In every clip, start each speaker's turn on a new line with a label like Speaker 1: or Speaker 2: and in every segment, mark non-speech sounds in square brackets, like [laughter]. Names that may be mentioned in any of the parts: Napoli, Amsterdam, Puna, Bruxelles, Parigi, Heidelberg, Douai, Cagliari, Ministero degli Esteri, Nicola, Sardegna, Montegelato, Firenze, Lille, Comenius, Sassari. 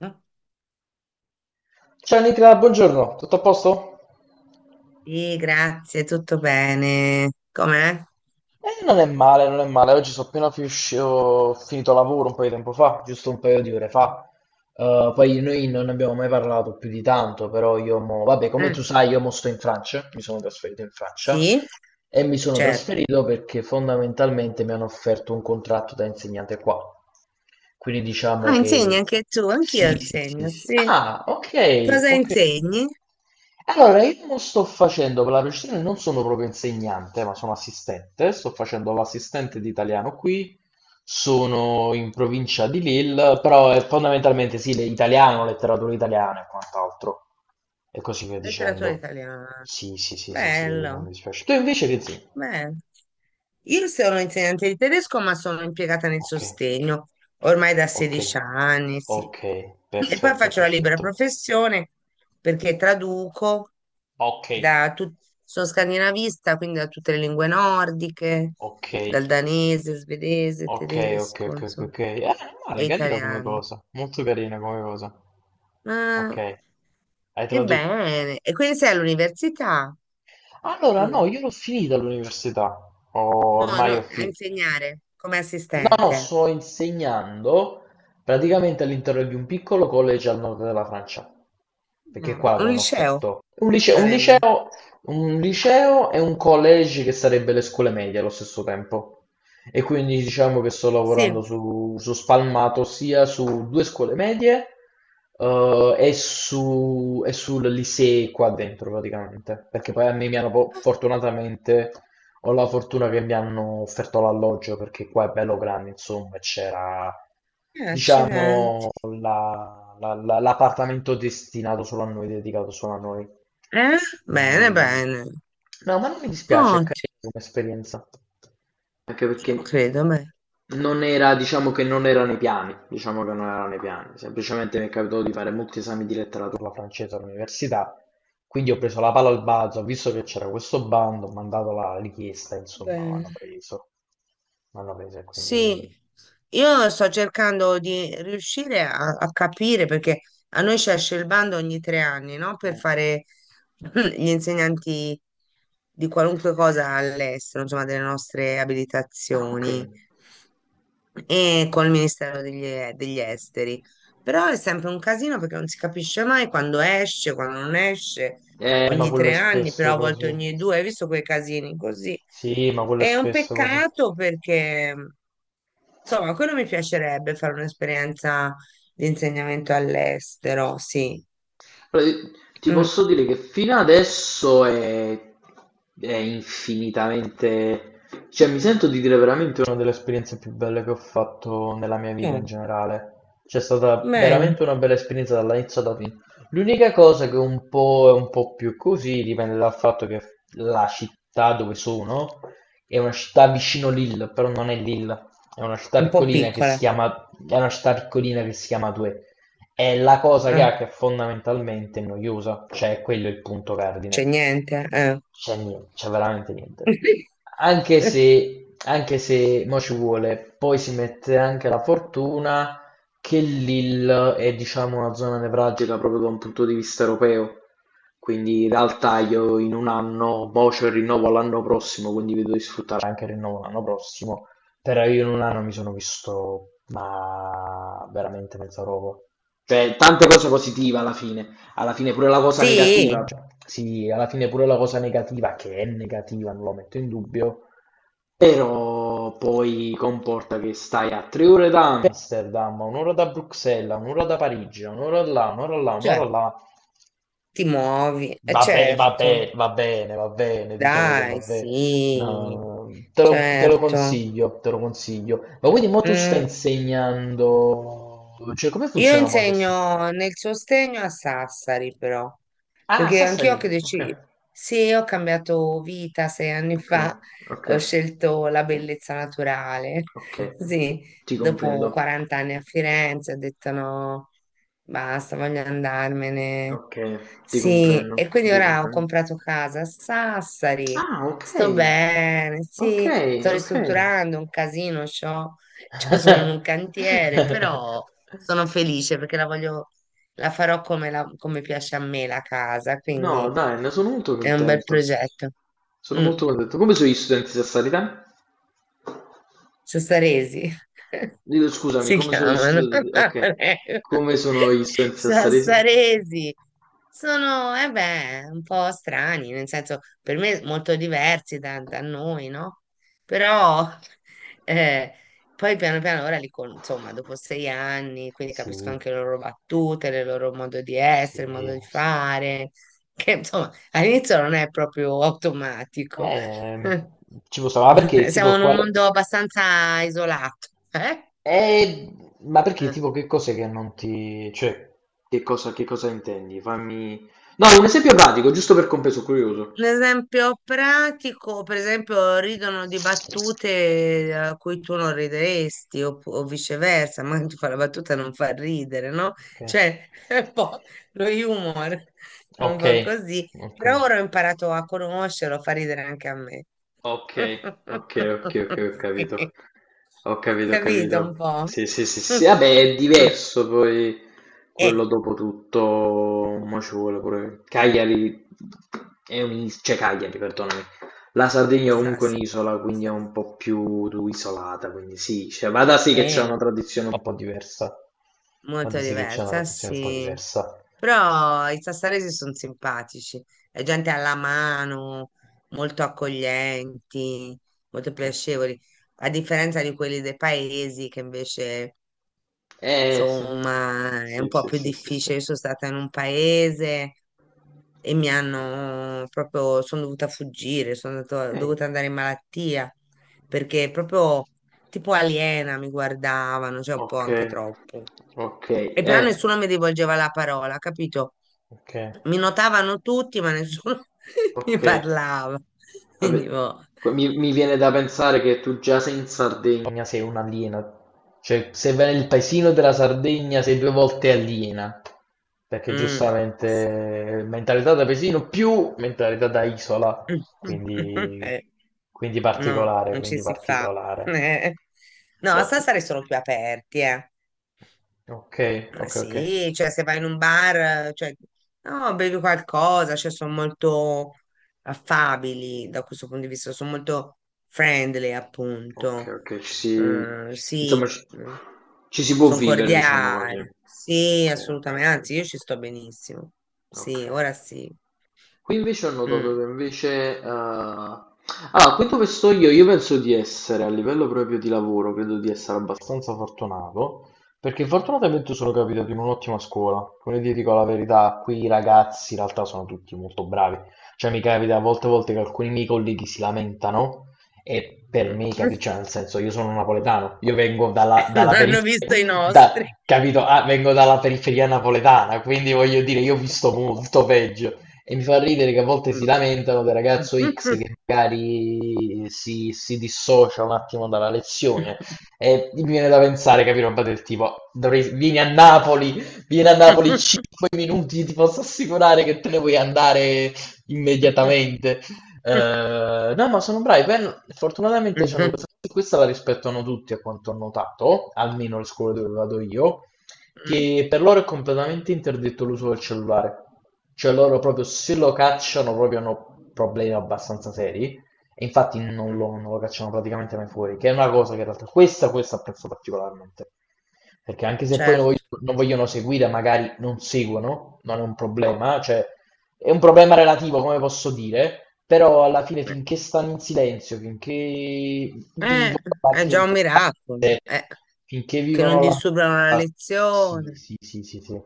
Speaker 1: Oh,
Speaker 2: Ciao Nicola, buongiorno, tutto a posto?
Speaker 1: sì, grazie, tutto bene. Com'è?
Speaker 2: Non è male, non è male. Oggi sono appena ho finito lavoro un po' di tempo fa, giusto un paio di ore fa. Poi noi non abbiamo mai parlato più di tanto, però io mo. Vabbè, come
Speaker 1: Eh,
Speaker 2: tu sai, io mo sto in Francia, mi sono trasferito in Francia
Speaker 1: sì,
Speaker 2: e mi sono
Speaker 1: certo.
Speaker 2: trasferito perché fondamentalmente mi hanno offerto un contratto da insegnante qua. Quindi diciamo
Speaker 1: Ah,
Speaker 2: che...
Speaker 1: insegni anche tu, anch'io
Speaker 2: Sì, sì, sì,
Speaker 1: insegno,
Speaker 2: sì.
Speaker 1: sì.
Speaker 2: Ah, ok,
Speaker 1: Cosa
Speaker 2: ok.
Speaker 1: insegni?
Speaker 2: Allora, io non sto facendo per la precisione, non sono proprio insegnante, ma sono assistente. Sto facendo l'assistente di italiano qui. Sono in provincia di Lille, però è fondamentalmente sì, l'italiano, letteratura italiana e quant'altro. E così via
Speaker 1: Letteratura
Speaker 2: dicendo.
Speaker 1: italiana.
Speaker 2: Sì, sì, sì, sì, sì, non
Speaker 1: Bello,
Speaker 2: mi dispiace. Tu invece che insegni?
Speaker 1: bello. Io sono insegnante di tedesco, ma sono impiegata nel
Speaker 2: Ok,
Speaker 1: sostegno ormai da
Speaker 2: ok,
Speaker 1: 16 anni, sì.
Speaker 2: ok,
Speaker 1: E poi
Speaker 2: perfetto,
Speaker 1: faccio la libera
Speaker 2: perfetto.
Speaker 1: professione perché traduco
Speaker 2: Ok,
Speaker 1: da tut- sono scandinavista, quindi da tutte le lingue nordiche,
Speaker 2: ok.
Speaker 1: dal danese, svedese,
Speaker 2: Ok, ok,
Speaker 1: tedesco,
Speaker 2: ok, ok,
Speaker 1: insomma,
Speaker 2: ok. Non male,
Speaker 1: e
Speaker 2: carina come
Speaker 1: italiano.
Speaker 2: cosa. Molto carina come cosa.
Speaker 1: Ma
Speaker 2: Ok, hai tradotto.
Speaker 1: ebbene, e quindi sei all'università
Speaker 2: Allora, no,
Speaker 1: tu?
Speaker 2: io l'ho finita l'università. Ho-
Speaker 1: No, no,
Speaker 2: Ormai ho
Speaker 1: a
Speaker 2: finito.
Speaker 1: insegnare come
Speaker 2: No, no,
Speaker 1: assistente.
Speaker 2: sto insegnando praticamente all'interno di un piccolo college al nord della Francia, perché
Speaker 1: No,
Speaker 2: qua
Speaker 1: un
Speaker 2: avevano
Speaker 1: liceo.
Speaker 2: offerto
Speaker 1: Sarebbe.
Speaker 2: un liceo e un college che sarebbe le scuole medie allo stesso tempo. E quindi diciamo che sto lavorando
Speaker 1: Sì,
Speaker 2: su spalmato sia su due scuole medie e sul lycée qua dentro praticamente, perché poi a me mi hanno fortunatamente ho la fortuna che mi hanno offerto l'alloggio perché qua è bello grande, insomma, e c'era,
Speaker 1: eh, accidenti.
Speaker 2: diciamo, l'appartamento destinato solo a noi, dedicato solo a noi.
Speaker 1: Eh? Bene,
Speaker 2: Quindi-
Speaker 1: bene.
Speaker 2: No, ma non mi dispiace, è
Speaker 1: Ottimo,
Speaker 2: carina come esperienza. Anche perché
Speaker 1: credo, beh.
Speaker 2: non era, diciamo che non era nei piani, diciamo che non era nei piani. Semplicemente mi è capitato di fare molti esami di letteratura francese all'università quindi ho preso la palla al balzo, ho visto che c'era questo bando, ho mandato la richiesta, insomma, mi
Speaker 1: Bene.
Speaker 2: hanno preso. Mi hanno preso e quindi...
Speaker 1: Sì, io sto cercando di riuscire a capire perché a noi ci esce il bando ogni tre anni, no? Per
Speaker 2: eh.
Speaker 1: fare [clears throat] gli insegnanti di qualunque cosa all'estero, insomma, delle nostre
Speaker 2: Ah, ok.
Speaker 1: abilitazioni. E col Ministero degli, degli Esteri. Però è sempre un casino perché non si capisce mai quando esce, quando non esce,
Speaker 2: Ma
Speaker 1: ogni
Speaker 2: quello è
Speaker 1: tre anni,
Speaker 2: spesso
Speaker 1: però a volte
Speaker 2: così.
Speaker 1: ogni due, hai visto quei casini così.
Speaker 2: Sì, ma quello è
Speaker 1: È un
Speaker 2: spesso così.
Speaker 1: peccato perché, insomma, quello mi piacerebbe fare un'esperienza di insegnamento all'estero, sì.
Speaker 2: Allora, ti
Speaker 1: Mm,
Speaker 2: posso dire che fino adesso è infinitamente. Cioè, mi sento di dire veramente una delle esperienze più belle che ho fatto nella mia vita
Speaker 1: eh,
Speaker 2: in generale. C'è stata
Speaker 1: bene,
Speaker 2: veramente una bella esperienza dall'inizio alla fine. L'unica cosa che un po' è un po' più così dipende dal fatto che la città dove sono è una città vicino Lille, però non è Lille,
Speaker 1: un po' piccola,
Speaker 2: è una città piccolina che si chiama Douai. È la cosa che
Speaker 1: eh.
Speaker 2: hack è fondamentalmente noiosa, cioè quello è il punto
Speaker 1: C'è
Speaker 2: cardine.
Speaker 1: niente, eh.
Speaker 2: C'è veramente niente. Anche
Speaker 1: [laughs]
Speaker 2: se, anche se mo ci vuole, poi si mette anche la fortuna che l'Hill è diciamo una zona nevralgica proprio da un punto di vista europeo. Quindi in realtà io in un anno, mo c'ho il rinnovo all'anno prossimo, quindi vedo di sfruttare anche il rinnovo l'anno prossimo. Però io in un anno mi sono visto, ma veramente mezza roba. Cioè, tante cose positive alla fine. Alla fine pure la cosa
Speaker 1: Sì,
Speaker 2: negativa. Cioè, sì, alla fine pure la cosa negativa, che è negativa, non lo metto in dubbio. Però poi comporta che stai a 3 ore da è Amsterdam. Amsterdam, un'ora da Bruxelles, un'ora da Parigi, un'ora là, un'ora là,
Speaker 1: cioè,
Speaker 2: un'ora là,
Speaker 1: ti muovi,
Speaker 2: va bene, va
Speaker 1: certo,
Speaker 2: bene, va bene, va bene, diciamo che va
Speaker 1: dai,
Speaker 2: bene.
Speaker 1: sì,
Speaker 2: No,
Speaker 1: certo.
Speaker 2: te lo consiglio. Ma quindi mo tu stai
Speaker 1: Mm.
Speaker 2: insegnando, cioè come
Speaker 1: Io
Speaker 2: funziona mo adesso?
Speaker 1: insegno nel sostegno a Sassari, però,
Speaker 2: Ah,
Speaker 1: perché anch'io
Speaker 2: Sassari,
Speaker 1: che
Speaker 2: ok.
Speaker 1: deciso, sì, ho cambiato vita sei anni
Speaker 2: Ok,
Speaker 1: fa,
Speaker 2: ok,
Speaker 1: ho scelto la bellezza naturale,
Speaker 2: ok,
Speaker 1: [laughs] sì,
Speaker 2: ti comprendo.
Speaker 1: dopo 40 anni a Firenze ho detto no, basta, voglio andarmene.
Speaker 2: Ok, ti
Speaker 1: Sì,
Speaker 2: comprendo,
Speaker 1: e quindi
Speaker 2: ti
Speaker 1: ora ho
Speaker 2: comprendo.
Speaker 1: comprato casa a Sassari,
Speaker 2: Ah, ok,
Speaker 1: sto bene,
Speaker 2: ok,
Speaker 1: sì, sto
Speaker 2: ok.
Speaker 1: ristrutturando un casino, c'ho, [laughs] sono in un cantiere,
Speaker 2: [laughs]
Speaker 1: però sono felice perché la voglio, la farò come, come piace a me la casa,
Speaker 2: No,
Speaker 1: quindi
Speaker 2: dai, ne sono molto
Speaker 1: è un bel
Speaker 2: contento.
Speaker 1: progetto.
Speaker 2: Sono molto
Speaker 1: Mm.
Speaker 2: contento. Come sono gli studenti sassari te?
Speaker 1: Sassaresi [laughs]
Speaker 2: Dillo, scusami,
Speaker 1: si
Speaker 2: come sono gli
Speaker 1: chiamano. [laughs]
Speaker 2: studenti? Ok, come sono gli studenti sassaresi?
Speaker 1: Sassaresi sono, eh beh, un po' strani, nel senso per me molto diversi da noi, no? Però eh, poi piano piano ora insomma, dopo 6 anni, quindi capisco
Speaker 2: Sì,
Speaker 1: anche le loro battute, il loro modo di
Speaker 2: sì.
Speaker 1: essere, il modo di
Speaker 2: Sì, sì.
Speaker 1: fare, che insomma all'inizio non è proprio automatico. [laughs]
Speaker 2: Eh, ci può stare, ma
Speaker 1: [laughs]
Speaker 2: perché
Speaker 1: Siamo
Speaker 2: tipo
Speaker 1: in un
Speaker 2: quale?
Speaker 1: mondo abbastanza isolato, eh?
Speaker 2: Eh, ma perché?
Speaker 1: Eh.
Speaker 2: Tipo, che cos'è che non ti. Cioè, che cosa intendi? Fammi. No, un esempio pratico, giusto per compreso, curioso.
Speaker 1: Un esempio pratico, per esempio, ridono di battute a cui tu non rideresti, o, viceversa, ma ti fa la battuta e non fa ridere, no?
Speaker 2: Ok.
Speaker 1: Cioè, [laughs] è un po' lo humor, un
Speaker 2: Ok,
Speaker 1: po' così.
Speaker 2: ok.
Speaker 1: Però ora ho imparato a conoscerlo, fa ridere anche a me.
Speaker 2: Ok, ok, ok,
Speaker 1: [laughs]
Speaker 2: ok, ho
Speaker 1: Sì.
Speaker 2: capito. Ho capito, ho
Speaker 1: Capito un
Speaker 2: capito.
Speaker 1: po'?
Speaker 2: Sì, sì, sì, sì, sì. Vabbè, è
Speaker 1: [laughs]
Speaker 2: diverso poi
Speaker 1: Eh,
Speaker 2: quello dopo tutto, mo ci vuole pure. Cagliari è un'isola, cioè Cagliari, perdonami. La Sardegna è
Speaker 1: sa,
Speaker 2: comunque
Speaker 1: sì.
Speaker 2: un'isola, quindi è
Speaker 1: Sa,
Speaker 2: un po' più isolata, quindi sì, cioè, vada sì che c'è
Speaker 1: eh,
Speaker 2: una tradizione un po' diversa. Vada
Speaker 1: molto
Speaker 2: sì che c'è una
Speaker 1: diversa,
Speaker 2: tradizione un po'
Speaker 1: sì.
Speaker 2: diversa.
Speaker 1: Però i sassaresi sono simpatici, è gente alla mano, molto accoglienti, molto
Speaker 2: Ok.
Speaker 1: piacevoli, a differenza di quelli dei paesi che invece,
Speaker 2: Sì.
Speaker 1: insomma, è un
Speaker 2: Sì,
Speaker 1: po'
Speaker 2: sì,
Speaker 1: più
Speaker 2: sì, sì, sì.
Speaker 1: difficile. Io sono stata in un paese e mi hanno proprio, sono dovuta fuggire,
Speaker 2: Eh,
Speaker 1: dovuta andare in malattia perché proprio tipo aliena mi guardavano, cioè un po'
Speaker 2: ok,
Speaker 1: anche troppo.
Speaker 2: ok,
Speaker 1: E però
Speaker 2: eh,
Speaker 1: nessuno mi rivolgeva la parola, capito?
Speaker 2: ok.
Speaker 1: Mi notavano tutti, ma nessuno [laughs] mi
Speaker 2: Ok.
Speaker 1: parlava. Quindi,
Speaker 2: Vabbè,
Speaker 1: boh.
Speaker 2: mi viene da pensare che tu già sei in Sardegna. Sardegna sei un alieno. Cioè, se vai nel paesino della Sardegna sei due volte aliena. Perché
Speaker 1: Mm, sì.
Speaker 2: giustamente mentalità da paesino più mentalità da isola.
Speaker 1: [laughs]
Speaker 2: Quindi,
Speaker 1: Eh,
Speaker 2: quindi
Speaker 1: no,
Speaker 2: particolare,
Speaker 1: non ci
Speaker 2: quindi
Speaker 1: si fa.
Speaker 2: particolare.
Speaker 1: Eh. No,
Speaker 2: No.
Speaker 1: stasera sono più aperti, eh.
Speaker 2: Ok,
Speaker 1: Ma
Speaker 2: ok, ok.
Speaker 1: sì, cioè se vai in un bar, cioè, no, bevi qualcosa, cioè sono molto affabili da questo punto di vista, sono molto friendly,
Speaker 2: Ok,
Speaker 1: appunto.
Speaker 2: ok, ci si.
Speaker 1: Sì,
Speaker 2: Insomma ci si può
Speaker 1: sono
Speaker 2: vivere, diciamo così.
Speaker 1: cordiali. Sì,
Speaker 2: Ok, ok,
Speaker 1: assolutamente,
Speaker 2: ok.
Speaker 1: anzi,
Speaker 2: Ok.
Speaker 1: io ci sto benissimo.
Speaker 2: Ok.
Speaker 1: Sì, ora sì.
Speaker 2: Qui invece ho notato che
Speaker 1: Mm.
Speaker 2: invece. Allora, qui dove sto io, penso di essere, a livello proprio di lavoro, credo di essere abbastanza fortunato, perché fortunatamente sono capitato in un'ottima scuola. Come ti dico la verità, qui i ragazzi in realtà sono tutti molto bravi. Cioè mi capita a volte che alcuni miei colleghi si lamentano e per
Speaker 1: Mm.
Speaker 2: me, cioè nel senso, io sono napoletano, io vengo dalla,
Speaker 1: [laughs] Non
Speaker 2: dalla
Speaker 1: hanno
Speaker 2: periferia,
Speaker 1: visto i nostri.
Speaker 2: capito? Ah, vengo dalla periferia napoletana, quindi voglio dire, io ho visto
Speaker 1: [laughs]
Speaker 2: molto peggio. E mi fa ridere che a volte si lamentano del ragazzo X che magari si dissocia un attimo dalla lezione. E mi viene da pensare, capire roba del tipo, vieni a Napoli 5 minuti, ti posso assicurare che te ne vuoi andare immediatamente. No, ma sono bravi. Fortunatamente c'hanno
Speaker 1: Mm.
Speaker 2: questa,
Speaker 1: [laughs]
Speaker 2: la rispettano tutti, a quanto ho notato, almeno le scuole dove vado io
Speaker 1: Mm,
Speaker 2: che per loro è completamente interdetto l'uso del cellulare. Cioè loro proprio se lo cacciano proprio hanno problemi abbastanza seri e infatti non
Speaker 1: mm,
Speaker 2: lo, non lo cacciano praticamente mai fuori, che è una cosa che in realtà questa apprezzo particolarmente. Perché anche se poi non vogliono,
Speaker 1: certo,
Speaker 2: non vogliono seguire, magari non seguono, non è un problema, cioè è un problema relativo, come posso dire, però alla fine
Speaker 1: eh,
Speaker 2: finché stanno in silenzio, finché vivono
Speaker 1: eh, è già un
Speaker 2: l'ambiente
Speaker 1: miracolo,
Speaker 2: classe, finché
Speaker 1: che
Speaker 2: vivono
Speaker 1: non
Speaker 2: l'ambiente.
Speaker 1: disturbano la
Speaker 2: Sì,
Speaker 1: lezione.
Speaker 2: sì, sì, sì, sì.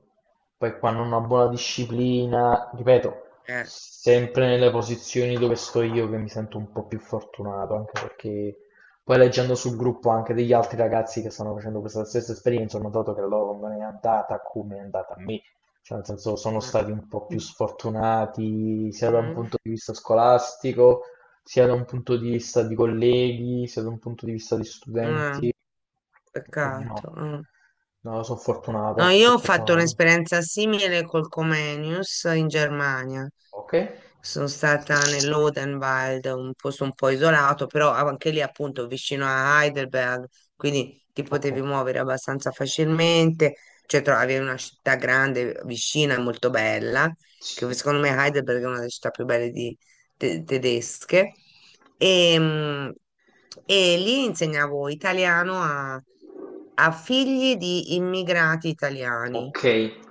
Speaker 2: Poi quando una buona disciplina, ripeto,
Speaker 1: Eh,
Speaker 2: sempre nelle posizioni dove sto io che mi sento un po' più fortunato, anche perché poi leggendo sul gruppo anche degli altri ragazzi che stanno facendo questa stessa esperienza, ho notato che la loro non è andata come è andata a me, cioè nel senso sono
Speaker 1: eh.
Speaker 2: stati un po' più sfortunati sia da un
Speaker 1: Mm,
Speaker 2: punto di vista scolastico sia da un punto di vista di colleghi, sia da un punto di vista di
Speaker 1: eh,
Speaker 2: studenti, quindi no,
Speaker 1: peccato. Eh.
Speaker 2: no, sono
Speaker 1: No,
Speaker 2: fortunato,
Speaker 1: io
Speaker 2: sono
Speaker 1: ho fatto
Speaker 2: fortunato.
Speaker 1: un'esperienza simile col Comenius in Germania.
Speaker 2: Ok?
Speaker 1: Sono stata nell'Odenwald, un posto un po' isolato, però anche lì appunto vicino a Heidelberg, quindi ti
Speaker 2: Ok.
Speaker 1: potevi muovere abbastanza facilmente, cioè trovavi una città grande, vicina e molto bella, che
Speaker 2: Sì.
Speaker 1: secondo me Heidelberg è una delle città più belle tedesche. E, mm, e lì insegnavo italiano a figli di immigrati italiani
Speaker 2: Ok,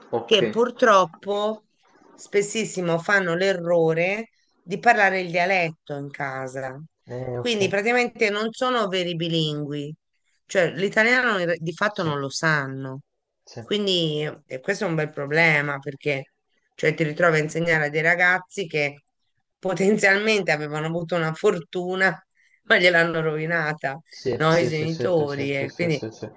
Speaker 2: ok.
Speaker 1: che purtroppo spessissimo fanno l'errore di parlare il dialetto in casa.
Speaker 2: Eh, ok,
Speaker 1: Quindi praticamente non sono veri bilingui, cioè l'italiano di fatto
Speaker 2: sì,
Speaker 1: non lo sanno.
Speaker 2: sì,
Speaker 1: Quindi questo è un bel problema perché cioè, ti ritrovi a insegnare a dei ragazzi che potenzialmente avevano avuto una fortuna, ma gliel'hanno rovinata,
Speaker 2: sì,
Speaker 1: no? I
Speaker 2: sì, sì, sì, sì,
Speaker 1: genitori.
Speaker 2: sì,
Speaker 1: E
Speaker 2: sì,
Speaker 1: quindi
Speaker 2: sì, sì.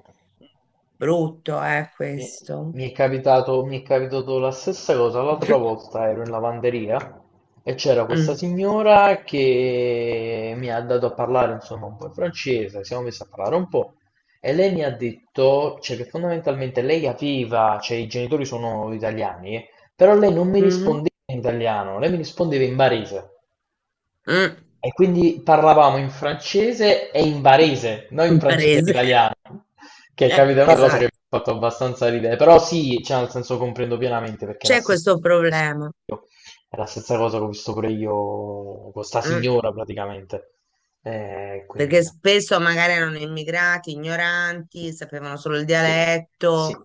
Speaker 1: brutto è
Speaker 2: Mi è,
Speaker 1: questo.
Speaker 2: mi è capitato la stessa cosa, l'altra volta ero in lavanderia e c'era questa
Speaker 1: Mm.
Speaker 2: signora che mi ha dato a parlare insomma un po' in francese, siamo messi a parlare un po' e lei mi ha detto, cioè, che fondamentalmente lei capiva, cioè i genitori sono italiani, però lei non mi
Speaker 1: Mhm.
Speaker 2: rispondeva in italiano, lei mi rispondeva in barese.
Speaker 1: Mm.
Speaker 2: E quindi parlavamo in francese e in barese,
Speaker 1: [laughs]
Speaker 2: non in francese e
Speaker 1: Barese.
Speaker 2: italiano, che capito è una cosa che mi
Speaker 1: Esatto,
Speaker 2: ha fatto abbastanza ridere, però sì, cioè nel senso comprendo pienamente perché è la
Speaker 1: c'è
Speaker 2: stessa,
Speaker 1: questo problema.
Speaker 2: è la stessa cosa che ho visto pure io con sta
Speaker 1: Mm.
Speaker 2: signora praticamente. Quindi
Speaker 1: Perché
Speaker 2: no.
Speaker 1: spesso magari erano immigrati, ignoranti, sapevano solo il
Speaker 2: Sì, sì,
Speaker 1: dialetto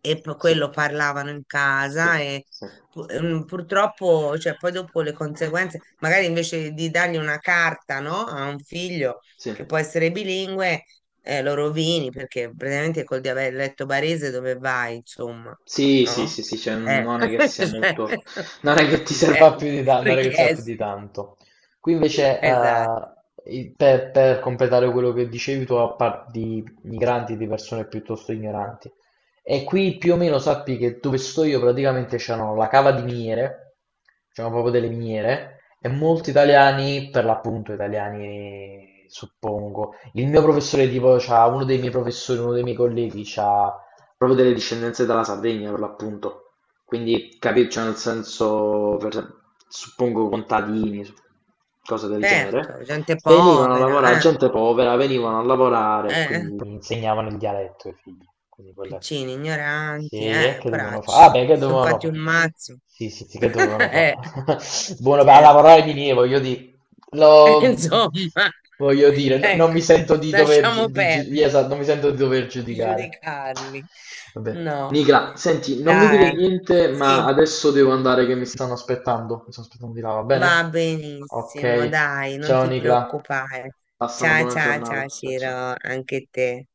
Speaker 1: e poi
Speaker 2: sì,
Speaker 1: quello parlavano in
Speaker 2: sì,
Speaker 1: casa e
Speaker 2: sì,
Speaker 1: purtroppo, cioè, poi dopo le conseguenze, magari invece di dargli una carta, no, a un figlio
Speaker 2: sì.
Speaker 1: che può essere bilingue, lo rovini perché praticamente col dialetto barese dove vai, insomma,
Speaker 2: Sì, sì, sì,
Speaker 1: no?
Speaker 2: sì, cioè
Speaker 1: Eh,
Speaker 2: non è che
Speaker 1: [laughs]
Speaker 2: sia
Speaker 1: cioè,
Speaker 2: molto, non è che ti
Speaker 1: [laughs] cioè,
Speaker 2: serva più di, non è che serva più di
Speaker 1: richieste.
Speaker 2: tanto. Qui invece,
Speaker 1: Esatto,
Speaker 2: per completare quello che dicevi tu, a parte di migranti, di persone piuttosto ignoranti, e qui più o meno sappi che dove sto io praticamente c'erano la cava di miniere, c'erano proprio delle miniere, e molti italiani, per l'appunto italiani suppongo, il mio professore tipo, c'ha uno dei miei professori, uno dei miei colleghi, c'ha proprio delle discendenze dalla Sardegna per l'appunto, quindi cioè nel senso, suppongo contadini, cose del genere,
Speaker 1: certo, gente
Speaker 2: venivano a
Speaker 1: povera,
Speaker 2: lavorare,
Speaker 1: eh.
Speaker 2: gente povera, venivano a lavorare,
Speaker 1: Eh,
Speaker 2: quindi insegnavano il dialetto ai figli, quindi quelle.
Speaker 1: piccini,
Speaker 2: Sì,
Speaker 1: ignoranti,
Speaker 2: e che dovevano fare? Ah,
Speaker 1: poracci.
Speaker 2: beh, che
Speaker 1: Sono
Speaker 2: dovevano
Speaker 1: fatti
Speaker 2: fare?
Speaker 1: un mazzo.
Speaker 2: Sì, sì, sì, che
Speaker 1: [laughs]
Speaker 2: dovevano
Speaker 1: Eh,
Speaker 2: fare? [laughs] Buono per
Speaker 1: certo.
Speaker 2: lavorare di voglio dire.
Speaker 1: [laughs]
Speaker 2: Lo
Speaker 1: Insomma,
Speaker 2: voglio dire, non
Speaker 1: ecco,
Speaker 2: mi sento di dover,
Speaker 1: lasciamo perdere
Speaker 2: esatto, non mi sento di dover
Speaker 1: di
Speaker 2: giudicare.
Speaker 1: giudicarli.
Speaker 2: Vabbè.
Speaker 1: No,
Speaker 2: Nicola, senti, non mi dire
Speaker 1: dai,
Speaker 2: niente, ma
Speaker 1: sì,
Speaker 2: adesso devo andare che mi stanno aspettando. Mi stanno aspettando di là, va
Speaker 1: va
Speaker 2: bene?
Speaker 1: benissimo,
Speaker 2: Ok.
Speaker 1: dai, non
Speaker 2: Ciao
Speaker 1: ti
Speaker 2: Nicola.
Speaker 1: preoccupare.
Speaker 2: Passa una
Speaker 1: Ciao,
Speaker 2: buona
Speaker 1: ciao, ciao,
Speaker 2: giornata. Ciao ciao.
Speaker 1: Ciro, anche te.